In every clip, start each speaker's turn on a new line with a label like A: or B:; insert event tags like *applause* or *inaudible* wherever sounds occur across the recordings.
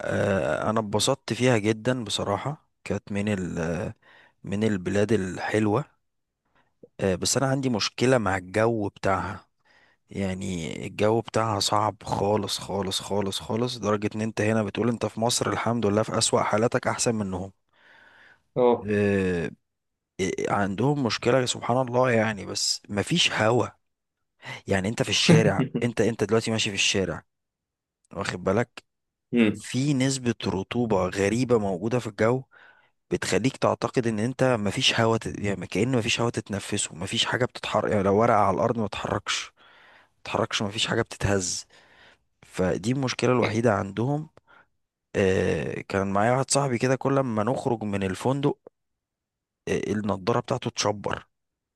A: انا اتبسطت فيها جدا، بصراحة كانت من من البلاد الحلوة. بس انا عندي مشكلة مع الجو بتاعها. يعني الجو بتاعها صعب خالص خالص خالص خالص، لدرجة ان انت هنا بتقول انت في مصر الحمد لله في اسوأ حالاتك احسن منهم.
B: اه.
A: آه، عندهم مشكلة سبحان الله، يعني بس مفيش هوا. يعني انت في الشارع، انت
B: *laughs*
A: انت دلوقتي ماشي في الشارع، واخد بالك،
B: مم.
A: في نسبة رطوبة غريبة موجودة في الجو بتخليك تعتقد ان انت مفيش هوا يعني كأن مفيش هوا تتنفسه، مفيش حاجة بتتحرك. يعني لو ورقة على الأرض ما تتحركش تتحركش، مفيش حاجة بتتهز. فدي المشكلة الوحيدة عندهم. كان معايا واحد صاحبي كده، كل ما نخرج من الفندق النضارة بتاعته تشبر.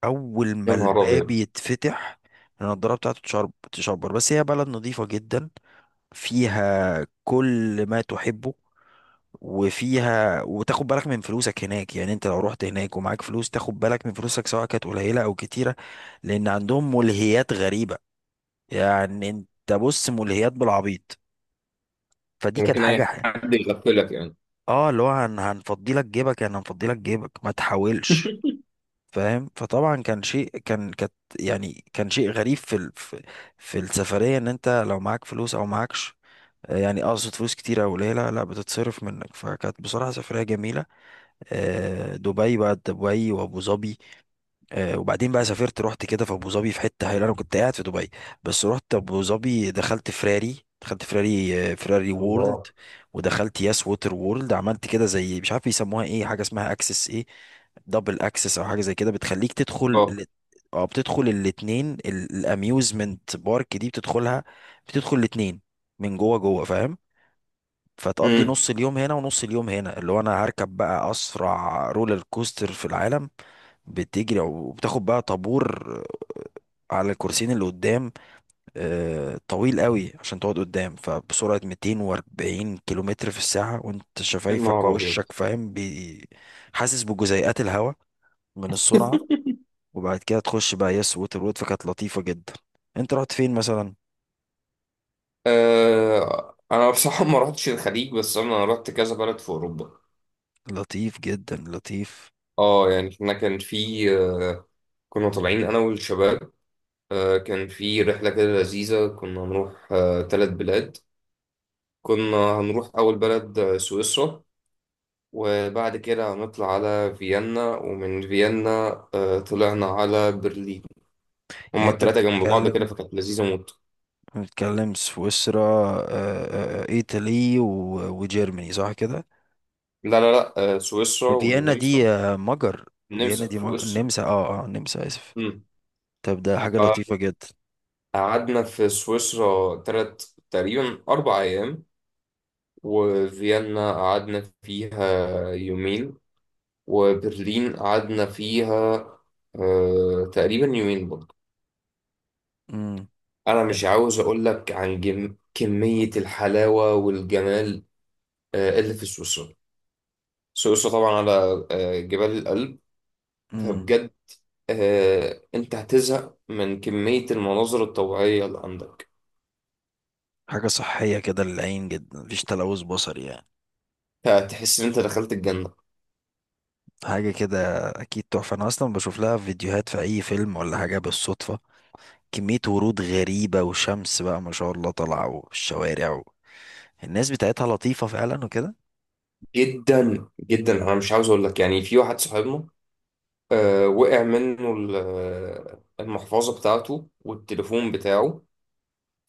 A: أول ما
B: يا نهار
A: الباب
B: ابيض.
A: يتفتح النضارة بتاعته تشبر. بس هي بلد نظيفة جدا، فيها كل ما تحبه، وفيها، وتاخد بالك من فلوسك هناك. يعني انت لو رحت هناك ومعاك فلوس تاخد بالك من فلوسك، سواء كانت قليلة او كتيرة، لان عندهم ملهيات غريبة. يعني انت بص، ملهيات بالعبيط. فدي كانت
B: ممكن اي حد يغفلك يعني؟
A: اه، اللي هو هنفضي لك جيبك، يعني هنفضي لك جيبك ما تحاولش،
B: *laughs*
A: فاهم. فطبعا كانت يعني كان شيء غريب في ال... في في السفرية، ان انت لو معاك فلوس او معاكش، يعني اقصد فلوس كتيرة او قليلة، لا بتتصرف منك. فكانت بصراحة سفرية جميلة. دبي بقى، دبي وابو ظبي. وبعدين بقى سافرت، رحت كده في ابو ظبي في حتة هايلة. انا كنت قاعد في دبي بس رحت ابو ظبي، دخلت فراري، فراري وورلد،
B: الله.
A: ودخلت ياس ووتر وورلد. عملت كده زي مش عارف بيسموها ايه، حاجة اسمها اكسس ايه، دبل اكسس او حاجة زي كده، بتخليك تدخل
B: اه.
A: اه، بتدخل الاتنين، الاميوزمنت بارك دي بتدخلها، بتدخل الاتنين من جوه جوه، فاهم. فتقضي
B: مم.
A: نص اليوم هنا ونص اليوم هنا. اللي هو انا هركب بقى اسرع رولر كوستر في العالم. بتجري وبتاخد بقى طابور على الكرسيين اللي قدام، طويل قوي عشان تقعد قدام، فبسرعة 240 كيلومتر في الساعة، وانت
B: يا
A: شفايفك
B: نهار ابيض.
A: ووشك فاهم حاسس بجزيئات الهواء من السرعة. وبعد كده تخش بقى يس ووتر وود. فكانت لطيفة جدا. انت رحت فين مثلا؟
B: انا بصراحه ما رحتش الخليج، بس انا رحت كذا بلد في اوروبا.
A: لطيف جدا، لطيف.
B: اه، يعني احنا كان في آه كنا طالعين انا والشباب. كان في رحله كده لذيذه. كنا هنروح ثلاث بلاد. كنا هنروح اول بلد سويسرا، وبعد كده هنطلع على فيينا، ومن فيينا طلعنا على برلين.
A: يعني
B: هما
A: انت
B: التلاتة جنب بعض كده فكانت لذيذة موت.
A: بنتكلم سويسرا، ايطالي وجيرماني، صح كده؟
B: لا، لا، لا، سويسرا
A: فيينا
B: والنمسا.
A: دي آه، مجر
B: النمسا
A: فيينا دي
B: في
A: مجر.
B: سويسرا.
A: النمسا، النمسا، اسف.
B: أمم.
A: طب ده حاجة لطيفة جدا.
B: قعدنا في سويسرا تقريبا 4 أيام، وفيينا قعدنا فيها يومين، وبرلين قعدنا فيها تقريبا يومين برضه.
A: امم
B: أنا مش عاوز أقول لك عن كمية الحلاوة والجمال اللي في سويسرا. سويسرا طبعا على جبال الألب.
A: امم
B: فبجد، انت هتزهق من كمية المناظر الطبيعية اللي عندك.
A: حاجة صحية كده للعين جدا، مفيش تلوث بصري يعني،
B: هتحس ان انت دخلت الجنة.
A: حاجة كده. أكيد تحفة. أنا أصلا بشوف لها فيديوهات في أي فيلم ولا حاجة بالصدفة، كمية ورود غريبة وشمس بقى ما شاء الله طالعة، الناس بتاعتها لطيفة فعلا وكده.
B: جدا جدا، انا مش عاوز اقول لك. يعني في واحد صاحبنا وقع منه المحفظة بتاعته والتليفون بتاعه.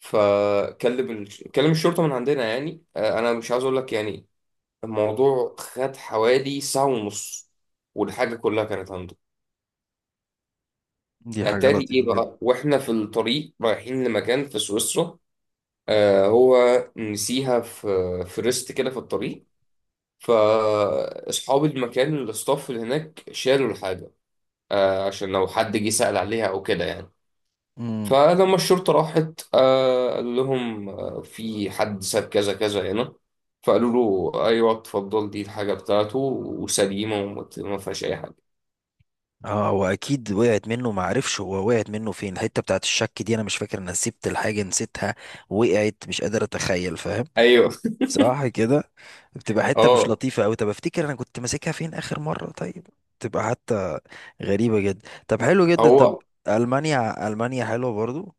B: فكلم كلم الشرطة من عندنا يعني. انا مش عاوز اقول لك، يعني الموضوع خد حوالي ساعة ونص والحاجة كلها كانت عنده.
A: دي حاجة
B: اتاري ايه
A: لطيفة
B: بقى؟ واحنا في الطريق رايحين لمكان في سويسرا هو نسيها في ريست كده في الطريق. فاصحاب المكان، الاستاف اللي هناك، شالوا الحاجه عشان لو حد جه سأل عليها او كده يعني.
A: جدا.
B: فلما الشرطه راحت قالوا لهم في حد ساب كذا كذا هنا. فقالوا له ايوه اتفضل، دي الحاجه بتاعته وسليمه وما ما فيهاش اي حاجه.
A: اه هو اكيد وقعت منه، ما عرفش هو وقعت منه فين. الحته بتاعت الشك دي، انا مش فاكر انا سبت الحاجه نسيتها، وقعت، مش قادر اتخيل، فاهم،
B: ايوه.
A: صح كده. بتبقى حته مش
B: اه.
A: لطيفه قوي. طب افتكر انا كنت ماسكها فين اخر مره، طيب. تبقى حتى غريبه جدا. طب حلو جدا، طب.
B: هو
A: المانيا، المانيا حلوه برضو.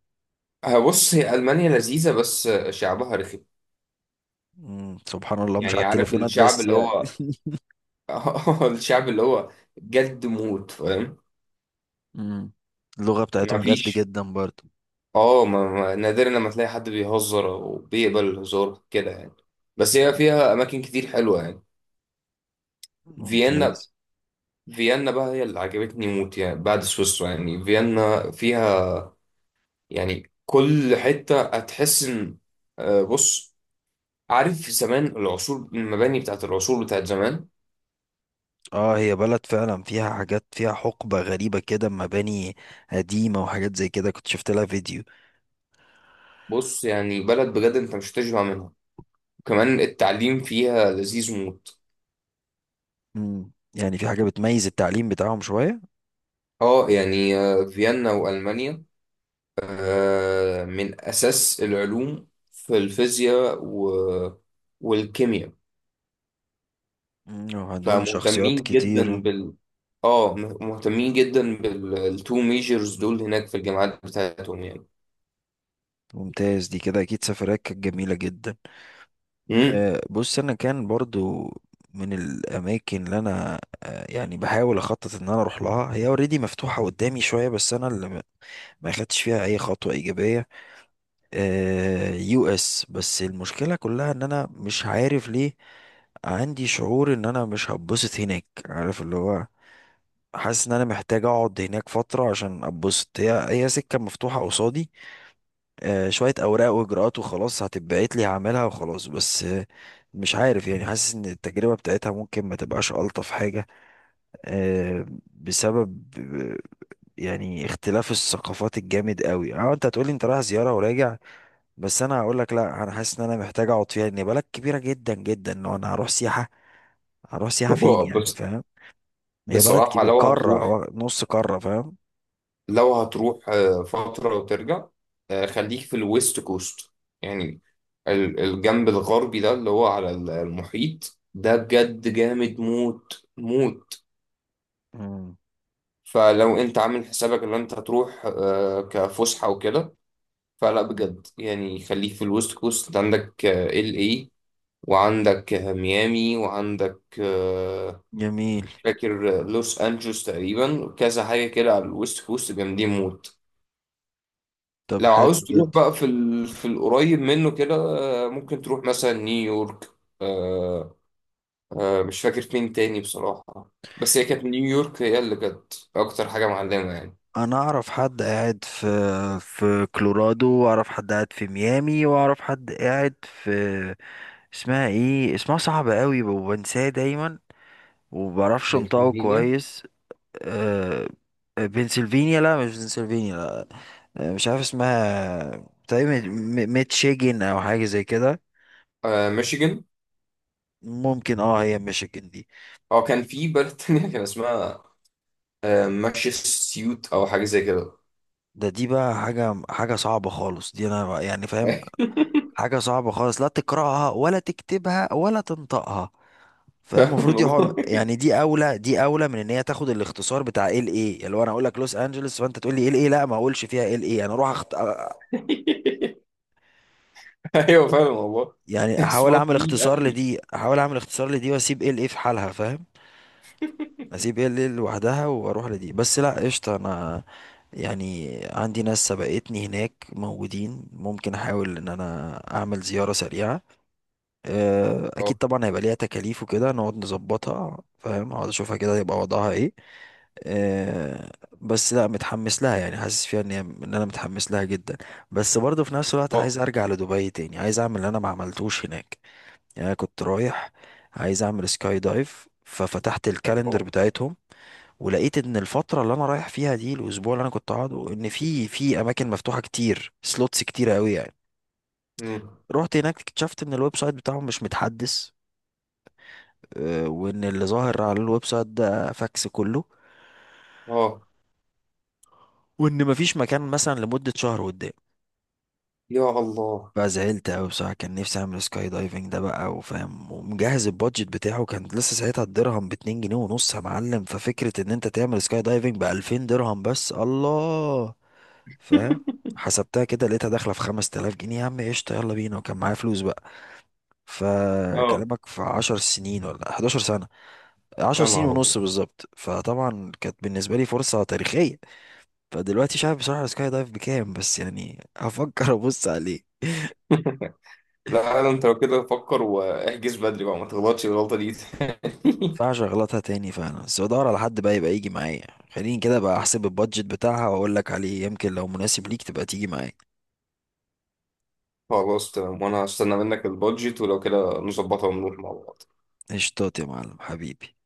B: بص، هي المانيا لذيذه بس شعبها رخم.
A: مم. سبحان الله مش على
B: يعني عارف
A: التليفونات
B: الشعب
A: بس
B: اللي
A: يعني.
B: هو، اه *laughs* الشعب اللي هو جد موت، فاهم.
A: مم. اللغه
B: ما
A: بتاعتهم جد
B: فيش.
A: جدا برضو.
B: نادرا لما تلاقي حد بيهزر وبيقبل الهزار كده يعني. بس هي فيها اماكن كتير حلوه يعني. فيينا،
A: ممتاز.
B: فيينا بقى هي اللي عجبتني موت يعني، بعد سويسرا. يعني فيينا فيها، يعني كل حته هتحس ان بص، عارف زمان، العصور، المباني بتاعت العصور بتاعت زمان.
A: اه هي بلد فعلا فيها حاجات، فيها حقبة غريبة كده، مباني قديمة وحاجات زي كده، كنت شفت لها فيديو.
B: بص يعني بلد بجد انت مش هتشبع منها. كمان التعليم فيها لذيذ موت.
A: مم. يعني في حاجة بتميز التعليم بتاعهم شوية.
B: اه يعني فيينا وألمانيا من أساس العلوم في الفيزياء والكيمياء،
A: مم. وعندهم شخصيات
B: فمهتمين
A: كتير.
B: جدا بال، اه، مهتمين جدا بالتو ميجرز دول هناك في الجامعات بتاعتهم يعني.
A: ممتاز. دي كده أكيد سفريات كانت جميلة جدا.
B: امم.
A: بص، أنا كان برضو من الأماكن اللي أنا يعني بحاول أخطط إن أنا أروح لها، هي اوريدي مفتوحة قدامي شوية، بس أنا اللي ما أخدتش فيها أي خطوة إيجابية، يو اس. بس المشكلة كلها ان انا مش عارف ليه، عندي شعور ان انا مش هتبسط هناك، عارف اللي هو، حاسس ان انا محتاج اقعد هناك فترة عشان اتبسط. هي سكة مفتوحة قصادي، شوية اوراق واجراءات وخلاص هتتبعت لي، هعملها وخلاص، بس مش عارف يعني، حاسس ان التجربة بتاعتها ممكن ما تبقاش الطف حاجة، آه، بسبب يعني اختلاف الثقافات الجامد قوي. اه انت هتقولي انت رايح زيارة وراجع، بس انا هقول لك لا، انا حاسس ان انا محتاج اقعد فيها، لان هي بلد كبيره جدا جدا. لو انا هروح سياحه، هروح سياحه فين
B: هو
A: يعني؟
B: بس
A: فاهم. هي بلد
B: بصراحة
A: كبيره،
B: لو
A: قاره
B: هتروح
A: أو نص قاره، فاهم.
B: فترة وترجع. خليك في الويست كوست. يعني الجنب الغربي ده اللي هو على المحيط ده بجد جامد موت موت.
A: مم.
B: فلو انت عامل حسابك ان انت هتروح كفسحة وكده، فلا بجد يعني خليك في الويست كوست. انت عندك ال اي، وعندك ميامي، وعندك
A: جميل.
B: مش فاكر، لوس انجلوس، تقريبا كذا حاجة كده على الويست كوست جامدين موت.
A: طب
B: لو
A: حلو
B: عاوز تروح
A: جدا.
B: بقى في القريب منه كده، ممكن تروح مثلا نيويورك. آه، مش فاكر فين تاني بصراحة، بس هي كانت نيويورك هي اللي كانت أكتر حاجة معلمة يعني.
A: انا اعرف حد قاعد في كولورادو، واعرف حد قاعد في ميامي، واعرف حد قاعد في، اسمها ايه، اسمها صعب قوي وبنساه دايما، ومبعرفش انطقه
B: بنسلفانيا.
A: كويس. أه... بنسلفانيا، لا مش بنسلفانيا، مش عارف اسمها، تقريبا ميتشيجن او حاجه زي كده.
B: ميشيغان.
A: ممكن، اه، هي ميشيجن دي.
B: هو كان في بلد تانية كان اسمها ماشي سيوت أو حاجة زي كده.
A: ده دي بقى حاجه، حاجه صعبه خالص دي انا بقى- يعني فاهم،
B: *laughs*
A: حاجه صعبه خالص، لا تقراها ولا تكتبها ولا تنطقها، فاهم. المفروض
B: فاهم
A: دي هو
B: والله.
A: يعني، دي اولى من ان هي تاخد الاختصار بتاع ال ايه. اللي هو انا اقول لك لوس انجلوس فانت تقول لي ال ايه. لا ما اقولش فيها ال ايه، انا اروح
B: *laughs* أيوه فاهم والله.
A: يعني احاول
B: اسمها
A: اعمل
B: طويل
A: اختصار
B: أوي.
A: لدي، واسيب ال ايه في حالها، فاهم. اسيب ال ايه لوحدها واروح لدي بس، لا قشطه. انا يعني عندي ناس سبقتني هناك موجودين، ممكن احاول ان انا اعمل زيارة سريعة، اكيد
B: أه.
A: طبعا هيبقى ليها تكاليف وكده، نقعد نظبطها فاهم، اقعد اشوفها كده يبقى وضعها ايه. آه، بس لا متحمس لها، يعني حاسس فيها ان ان انا متحمس لها جدا، بس برضه في نفس الوقت
B: أه.
A: عايز ارجع لدبي تاني، عايز اعمل اللي انا ما عملتوش هناك. يعني أنا كنت رايح عايز اعمل سكاي دايف، ففتحت الكالندر
B: الله.
A: بتاعتهم ولقيت ان الفتره اللي انا رايح فيها دي، الاسبوع اللي انا كنت قاعده، ان في اماكن مفتوحه كتير، سلوتس كتيره قوي يعني.
B: أمم.
A: رحت هناك اكتشفت ان الويب سايت بتاعهم مش متحدث، وان اللي ظاهر على الويب سايت ده فاكس كله،
B: أه.
A: وان مفيش مكان مثلا لمده شهر قدام.
B: يا الله.
A: فزعلت أوي بصراحة، كان نفسي أعمل سكاي دايفنج ده بقى، وفاهم، ومجهز البادجت بتاعه. كان لسه ساعتها الدرهم باتنين جنيه ونص يا معلم، ففكرة إن أنت تعمل سكاي دايفنج بألفين درهم بس، الله، فاهم. حسبتها كده لقيتها داخلة في خمس تلاف جنيه، يا عم قشطة، يلا بينا، وكان معايا فلوس بقى.
B: أه.
A: فكلامك في عشر سنين ولا حداشر سنة، عشر
B: يا
A: سنين
B: نهار أبيض.
A: ونص بالظبط. فطبعا كانت بالنسبة لي فرصة تاريخية. فدلوقتي مش عارف بصراحة السكاي دايف بكام، بس يعني هفكر أبص عليه.
B: *laughs* لا، لا، أنت لو كده فكر واحجز بدري بقى، ما تغلطش الغلطة دي. *laughs*
A: ينفعش اغلطها تاني فعلا، بس بدور على حد بقى يبقى يجي معايا. خليني كده بقى احسب البادجت بتاعها واقول لك عليه، يمكن لو مناسب ليك تبقى تيجي معايا.
B: خلاص تمام، وأنا هستنى منك البادجت ولو كده نظبطها ونروح مع بعض.
A: قشطات يا معلم حبيبي.